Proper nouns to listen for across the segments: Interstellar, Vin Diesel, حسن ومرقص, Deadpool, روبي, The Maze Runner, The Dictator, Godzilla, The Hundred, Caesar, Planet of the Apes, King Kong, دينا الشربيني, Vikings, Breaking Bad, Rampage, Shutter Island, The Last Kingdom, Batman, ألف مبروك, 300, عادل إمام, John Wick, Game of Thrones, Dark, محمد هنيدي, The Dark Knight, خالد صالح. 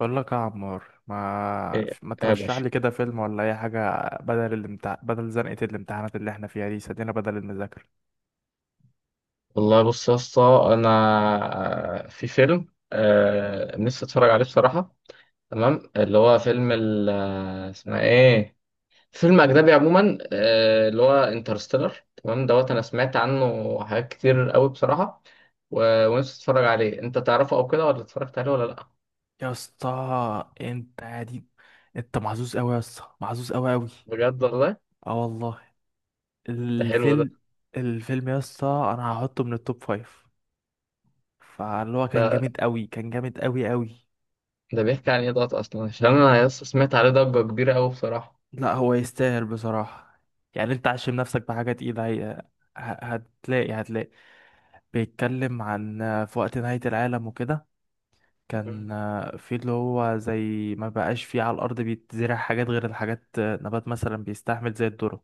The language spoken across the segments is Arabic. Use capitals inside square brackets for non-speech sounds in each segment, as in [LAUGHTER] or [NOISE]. بقول لك يا عمار، ما إيه ما يا ترشح باشا. لي كده فيلم ولا اي حاجه بدل بدل زنقه الامتحانات اللي احنا فيها دي، سدينا بدل المذاكره. والله بص يا اسطى، انا في فيلم، نفسي اتفرج عليه بصراحه. تمام، اللي هو فيلم اسمه ايه، فيلم اجنبي عموما، اللي هو انترستيلر تمام دوت. انا سمعت عنه حاجات كتير قوي بصراحه، ونفسي اتفرج عليه. انت تعرفه او كده ولا اتفرجت عليه ولا لا؟ يا اسطى انت يا دي، انت محظوظ قوي يا اسطى، محظوظ قوي قوي. بجد والله. اه والله. ده حلو ده. الفيلم الفيلم يا اسطى انا هحطه من التوب فايف، فاللي هو كان ده جامد قوي، كان جامد قوي قوي. ده بيحكي عن ايه دوت اصلا، عشان انا يا اسطى سمعت عليه ضجه كبيره قوي بصراحه. لا هو يستاهل بصراحه. يعني انت عشم نفسك بحاجه تقيله. ه- هتلاقي، هتلاقي بيتكلم عن في وقت نهايه العالم وكده. مم. كان في اللي هو زي ما بقاش فيه على الأرض بيتزرع حاجات غير الحاجات، نبات مثلا بيستحمل زي الذرة.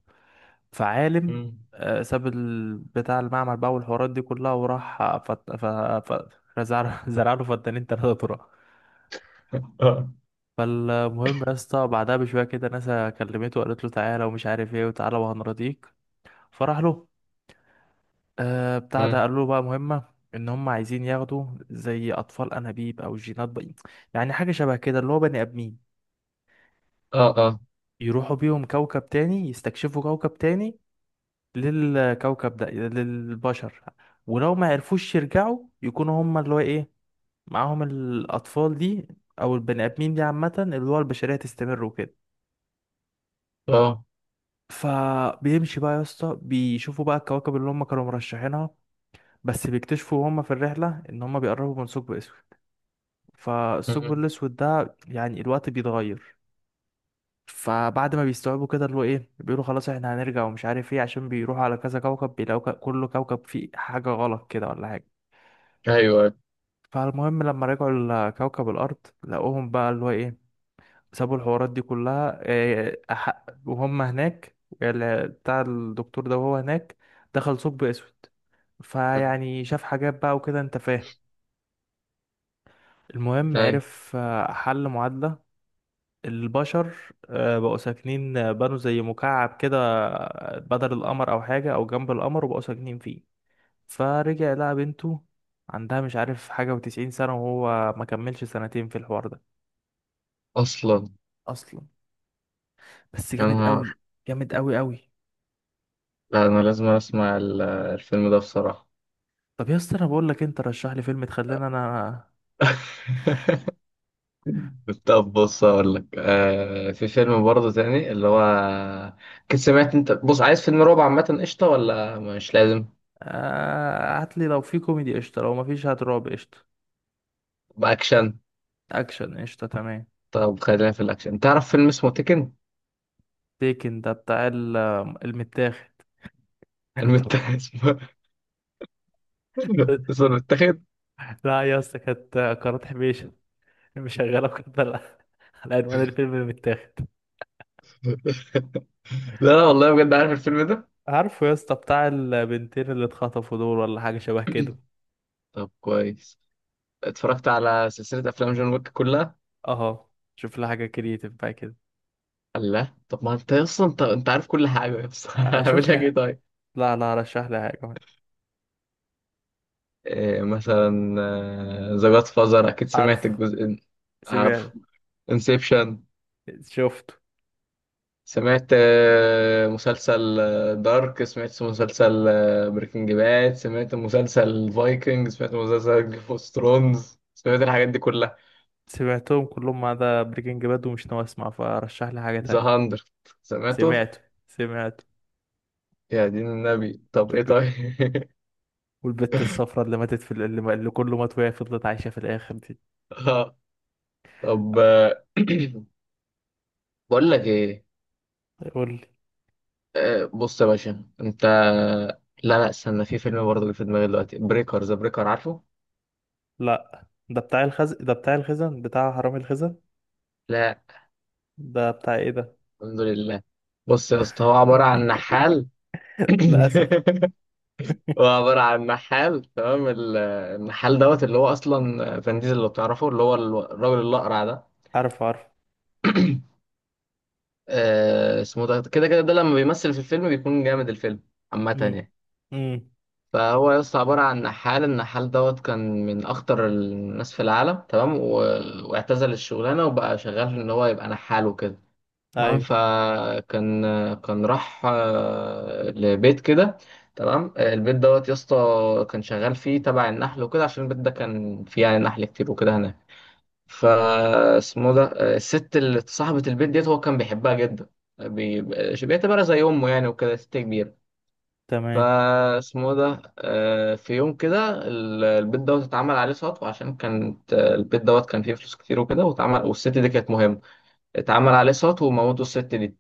فعالم، مم. ساب بتاع المعمل بقى والحوارات دي كلها، وراح زرع [LAUGHS] زرع له فدانين تلاتة ذرة. اه. فالمهم يا اسطى بعدها بشوية كده ناسا كلمته وقالت له تعالى ومش عارف ايه، وتعالى وهنرضيك. فراح له بتاع ده، مم. قال له بقى مهمة. ان هم عايزين ياخدوا زي اطفال انابيب او جينات بقى، يعني حاجة شبه كده، اللي هو بني ادمين، اه يروحوا بيهم كوكب تاني، يستكشفوا كوكب تاني للكوكب ده للبشر. ولو ما عرفوش يرجعوا يكونوا هما اللي هو ايه، معاهم الأطفال دي أو البني آدمين دي، عامة اللي هو البشرية تستمر وكده. اه. فبيمشي بقى يا اسطى، بيشوفوا بقى الكواكب اللي هما كانوا مرشحينها، بس بيكتشفوا هما في الرحلة إن هما بيقربوا من ثقب أسود. فالثقب مم. الأسود ده يعني الوقت بيتغير. فبعد ما بيستوعبوا كده اللي هو ايه، بيقولوا خلاص احنا هنرجع ومش عارف ايه، عشان بيروحوا على كذا كوكب بيلاقوا كل كوكب فيه حاجة غلط كده ولا حاجة. ايوه. فالمهم لما رجعوا لكوكب الأرض، لقوهم بقى اللي هو ايه، سابوا الحوارات دي كلها وهم هناك. بتاع الدكتور ده وهو هناك دخل ثقب أسود، مم. فيعني شاف حاجات بقى وكده انت فاهم. المهم ايوه عرف، حل معادلة. البشر بقوا ساكنين، بنوا زي مكعب كده، بدل القمر او حاجة او جنب القمر، وبقوا ساكنين فيه. فرجع لقى بنته عندها مش عارف حاجة وتسعين سنة، وهو ما كملش سنتين في الحوار ده. اصلا. اصلا. بس يا جامد نهار. قوي، جامد قوي قوي. لا انا لازم اسمع الفيلم ده بصراحه. طب يا اسطى، انا بقول لك انت رشح لي فيلم تخلينا [LAUGHS] طب بص، اقول لك، في فيلم برضه تاني اللي هو، كنت سمعت انت، بص، عايز فيلم رعب عامه قشطه ولا مش لازم؟ هات لي، لو في كوميدي قشطة، لو ما فيش هات رعب قشطة. باكشن. اكشن قشطة تمام. طب خلينا في الاكشن، تعرف فيلم اسمه تيكن؟ تيكن ده بتاع المتاخد. [LAUGHS] [LAUGHS] اسمه، اسمه المتاخد. لا يا اسطى كانت قناة حبيشة مشغله كده على، على عنوان الفيلم اللي متاخد. لا لا والله بجد، عارف الفيلم ده. عارفه يا اسطى بتاع البنتين اللي اتخطفوا دول ولا حاجة شبه كده. طب كويس. اتفرجت على سلسله افلام جون ويك كلها. اه شوف لي حاجة كرييتيف بقى كده. الله، طب ما انت اصلا انت عارف كل حاجه بس، [LAUGHS] هعمل شوف لك لي، ايه طيب؟ لا لا رشح لي حاجة. إيه مثلا؟ ذا جاد فازر، اكيد سمعت عارفه. الجزء. عارف. سمعت. انسبشن. شفته. سمعت مسلسل دارك، سمعت مسلسل بريكنج باد، سمعت مسلسل فايكنج، سمعت مسلسل جيم اوف ثرونز، سمعت الحاجات دي كلها. سمعتهم كلهم ما عدا بريكنج باد ومش ناوي اسمع، فرشح لي حاجة ذا تانية. هاندرد. سمعته. سمعته. سمعته. يا دين النبي، طب ايه والب... طيب؟ والبت الصفراء اللي ماتت في اللي كله مات وهي فضلت عايشة في الآخر دي. [LAUGHS] آه، طب، [CLEARS THROAT] بقول لك ايه، يقول لي. بص يا باشا، انت، لا لا استنى، في فيلم برضه اللي في دماغي دلوقتي، بريكر ذا بريكر، عارفه؟ لا ده بتاع الخزن، بتاع حرامي الخزن. لا. ده بتاع ايه ده؟ الحمد لله. بص يا اسطى، هو عباره عن نحال. [LAUGHS] للأسف. هو عباره عن نحال تمام. النحال دوت اللي هو اصلا فان ديزل، لو تعرفه، اللي هو الراجل الاقرع ده، عارف عارف. اسمه ده كده كده، ده لما بيمثل في الفيلم بيكون جامد الفيلم عامه امم يعني. امم فهو يا اسطى عبارة عن نحال. النحال دوت كان من أخطر الناس في العالم تمام واعتزل الشغلانة وبقى شغال في إن هو يبقى نحال وكده. تمام، أيوه كان راح لبيت كده. تمام، البيت دوت يا اسطى كان شغال فيه تبع النحل وكده، عشان البيت ده كان فيه يعني نحل كتير وكده هناك. فاسمه ده، الست اللي صاحبة البيت ديت هو كان بيحبها جدا، بي... بيعتبرها زي أمه يعني وكده، ست كبيرة. تمام. فاسمه ده في يوم كده، البيت دوت اتعمل عليه سطو، عشان كانت، البيت دوت كان فيه فلوس كتير وكده، واتعمل، والست دي كانت مهمة. اتعمل عليه سطو وموتوا الست دي.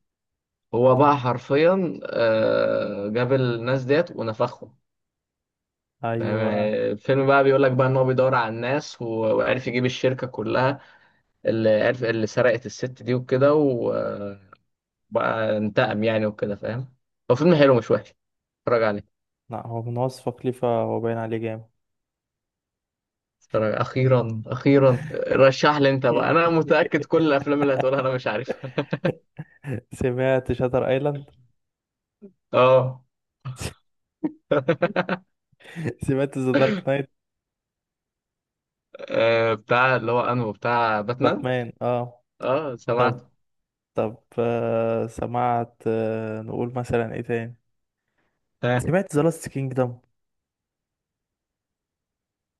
هو بقى حرفيا، جاب الناس ديت ونفخهم. فاهم؟ أيوه. الفيلم بقى بيقول لك بقى ان هو بيدور على الناس، وعرف يجيب الشركة كلها اللي عرف اللي سرقت الست دي وكده، وبقى انتقم يعني وكده، فاهم؟ هو فيلم حلو مش وحش، اتفرج عليه. لا هو من وصفك خليفة، هو باين عليه جامد. ترى اخيرا اخيرا رشح لي انت بقى، انا [LAUGHS] متاكد كل الافلام اللي هتقولها انا مش عارفها. سمعت شاتر ايلاند. اه. [LAUGHS] [LAUGHS] سمعت ذا دارك نايت. بتاع اللي هو انه بتاع باتمان. باتمان اه. اه سمعت. طب طب آه سمعت، آه نقول مثلا ايه تاني. ها. سمعت ذا لاست كينجدم.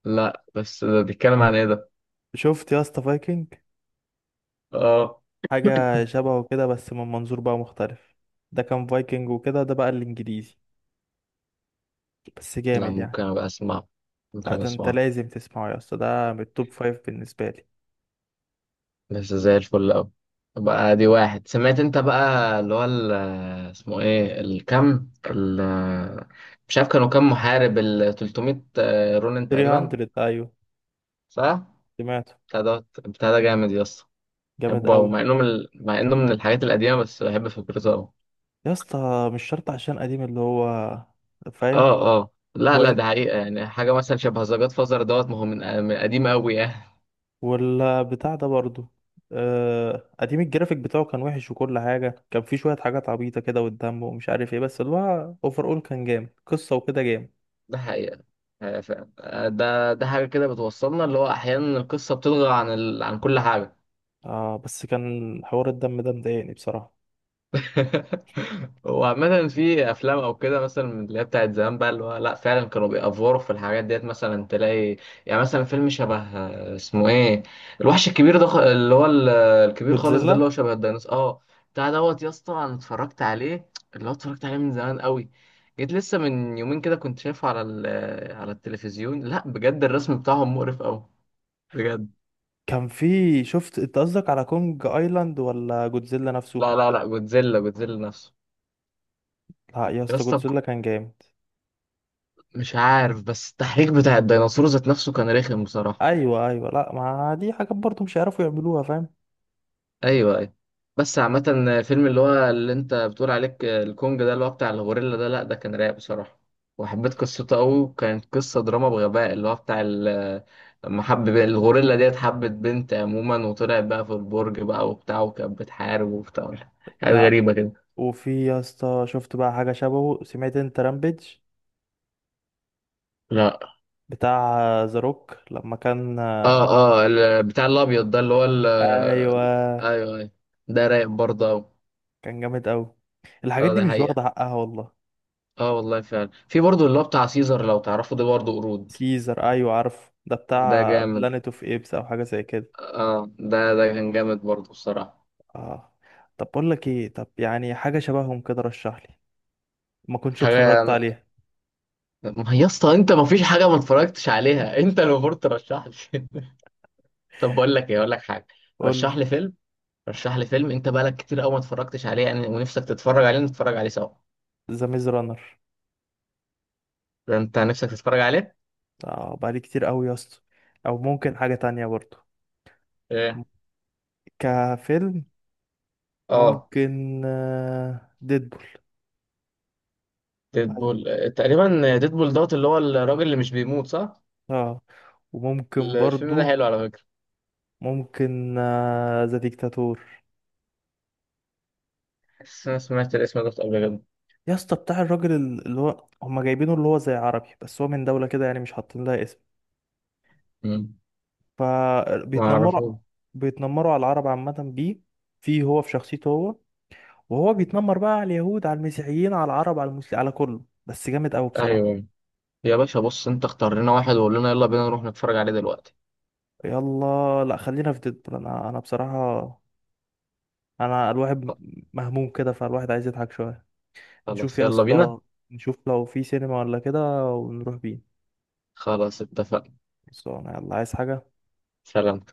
لا بس ده بيتكلم عن ايه ده؟ شفت يا اسطى فايكنج؟ اه. حاجة شبهه كده بس من منظور بقى مختلف. ده كان فايكنج وكده، ده بقى الانجليزي. بس لا جامد يعني. ممكن ابقى اسمعه، ممكن لا ابقى ده انت اسمعه. لازم تسمعه يا اسطى، ده من التوب فايف بالنسبة لي. بس زي الفل اوي. بقى دي واحد سمعت انت بقى اللي هو اسمه ايه، الكم ال، مش عارف كانوا كام محارب، ال 300، رونن تقريبا؟ 300 ايوه صح. سمعته، بتاع ده، بتاع ده جامد يا اسطى. جامد بحبه أوي، قوي. مع انه مع انه من الحاجات القديمه، بس بحب فكرته أوي. يا اسطى مش شرط عشان قديم اللي هو فاهم. اه اه لا هو لا، انت ده حقيقه، يعني حاجه مثلا شبه ذا جاد فازر دوت، ما هو من قديم قوي يعني. ولا بتاع ده برضو؟ قديم الجرافيك بتاعه كان وحش، وكل حاجة كان فيه شوية حاجات عبيطة كده والدم ومش عارف ايه، بس اللي هو اوفر اول كان جامد قصة وكده، جامد. ده حقيقه. فعلا. ده حاجه كده بتوصلنا، اللي هو احيانا القصه بتلغى عن كل حاجه. اه بس كان حوار الدم ده مضايقني بصراحة. وعامة في أفلام أو كده مثلا من اللي هي بتاعت زمان بقى، اللي هو لأ فعلا كانوا بيأفوروا في الحاجات ديت، مثلا تلاقي يعني مثلا فيلم شبه، اسمه إيه، الوحش الكبير ده، اللي هو الكبير خالص ده، جودزيلا. اللي هو شبه الديناصور، أه. بتاع دوت يا اسطى أنا اتفرجت عليه، اللي هو اتفرجت عليه من زمان قوي. جيت لسه من يومين كده كنت شايفه على على التلفزيون. لأ بجد الرسم بتاعهم مقرف أوي، بجد. كان فيه شفت انت قصدك على كونج ايلاند ولا جودزيلا نفسه؟ لا لا لا، جودزيلا جودزيلا نفسه. لا يا يا اسطى اسطى جودزيلا كان جامد. مش عارف، بس التحريك بتاع الديناصور ذات نفسه كان رخم بصراحة. ايوه ايوه، لا ما دي حاجات برضه مش هيعرفوا يعملوها فاهم. ايوه ايوه. بس عامة، فيلم اللي هو اللي انت بتقول عليك الكونج ده، اللي هو بتاع الغوريلا ده، لا ده كان رايق بصراحة، وحبيت قصته قوي، كانت قصة دراما بغباء اللي هو لما حب الغوريلا ديت، حبت بنت عموما، وطلعت بقى في البرج بقى وبتاع، وكانت بتحارب وبتاع، حاجات لا غريبة كده. وفي يا اسطى شفت بقى حاجه شبهه، سمعت انت رامبيج؟ لا بتاع ذا روك لما كان. اه اه، بتاع الابيض ده، اللي هو ايوه. ايوه ايوه، ده رايق برضه أوي. كان جامد قوي. الحاجات اه دي ده مش حقيقة. واخده حقها والله. اه والله فعلا، في برضه اللي هو بتاع سيزر، لو تعرفوا ده برضه قرود. سيزر، ايوه عارف ده ده بتاع جامد. بلانيت اوف ايبس او حاجه زي كده. اه ده ده كان جامد برضه بصراحة. اه. طب بقول لك ايه، طب يعني حاجه شبههم كده رشح لي، ما كنتش حاجة، اتفرجت عليها. ما هي يا اسطى انت ما فيش حاجة ما اتفرجتش عليها، [LAUGHS] انت اللي المفروض ترشح لي. [LAUGHS] طب بقول لك ايه، اقول لك حاجة، قول. رشح لي فيلم، رشح لي فيلم انت بقالك كتير قوي ما اتفرجتش عليه يعني ونفسك تتفرج عليه، نتفرج عليه سوا. ذا ميز رانر، ده انت نفسك تتفرج عليه. آه بقالي كتير قوي يا اسطى. او ممكن حاجة تانية برضه، م- ايه؟ كفيلم، اه. ممكن ديدبول. ديدبول. تقريبا ديدبول دوت، اللي هو الراجل اللي مش بيموت، صح؟ اه. وممكن الفيلم ده برضه، حلو على فكرة. ممكن ذا ديكتاتور. بس انا سمعت الاسم ده قبل كده. يا اسطى بتاع الراجل اللي هو هما جايبينه اللي هو زي عربي، بس هو من دولة كده يعني مش حاطين لها اسم. مم. ما فبيتنمروا، اعرفه. بيتنمروا على العرب عامة بيه، فيه هو في شخصيته هو. وهو بيتنمر بقى على اليهود، على المسيحيين، على العرب، على المسلمين، على كله، بس جامد قوي بصراحة. ايوه يا باشا، بص انت اختار لنا واحد وقول لنا يلا بينا نروح نتفرج عليه دلوقتي. يلا، لا خلينا في ديدبول، انا بصراحة انا الواحد مهموم كده، فالواحد عايز يضحك شوية. نشوف خلاص يا يلا بينا. اسطى نشوف لو في سينما ولا كده ونروح بيه. خلاص اتفقنا. بس انا يلا عايز حاجة. سلام.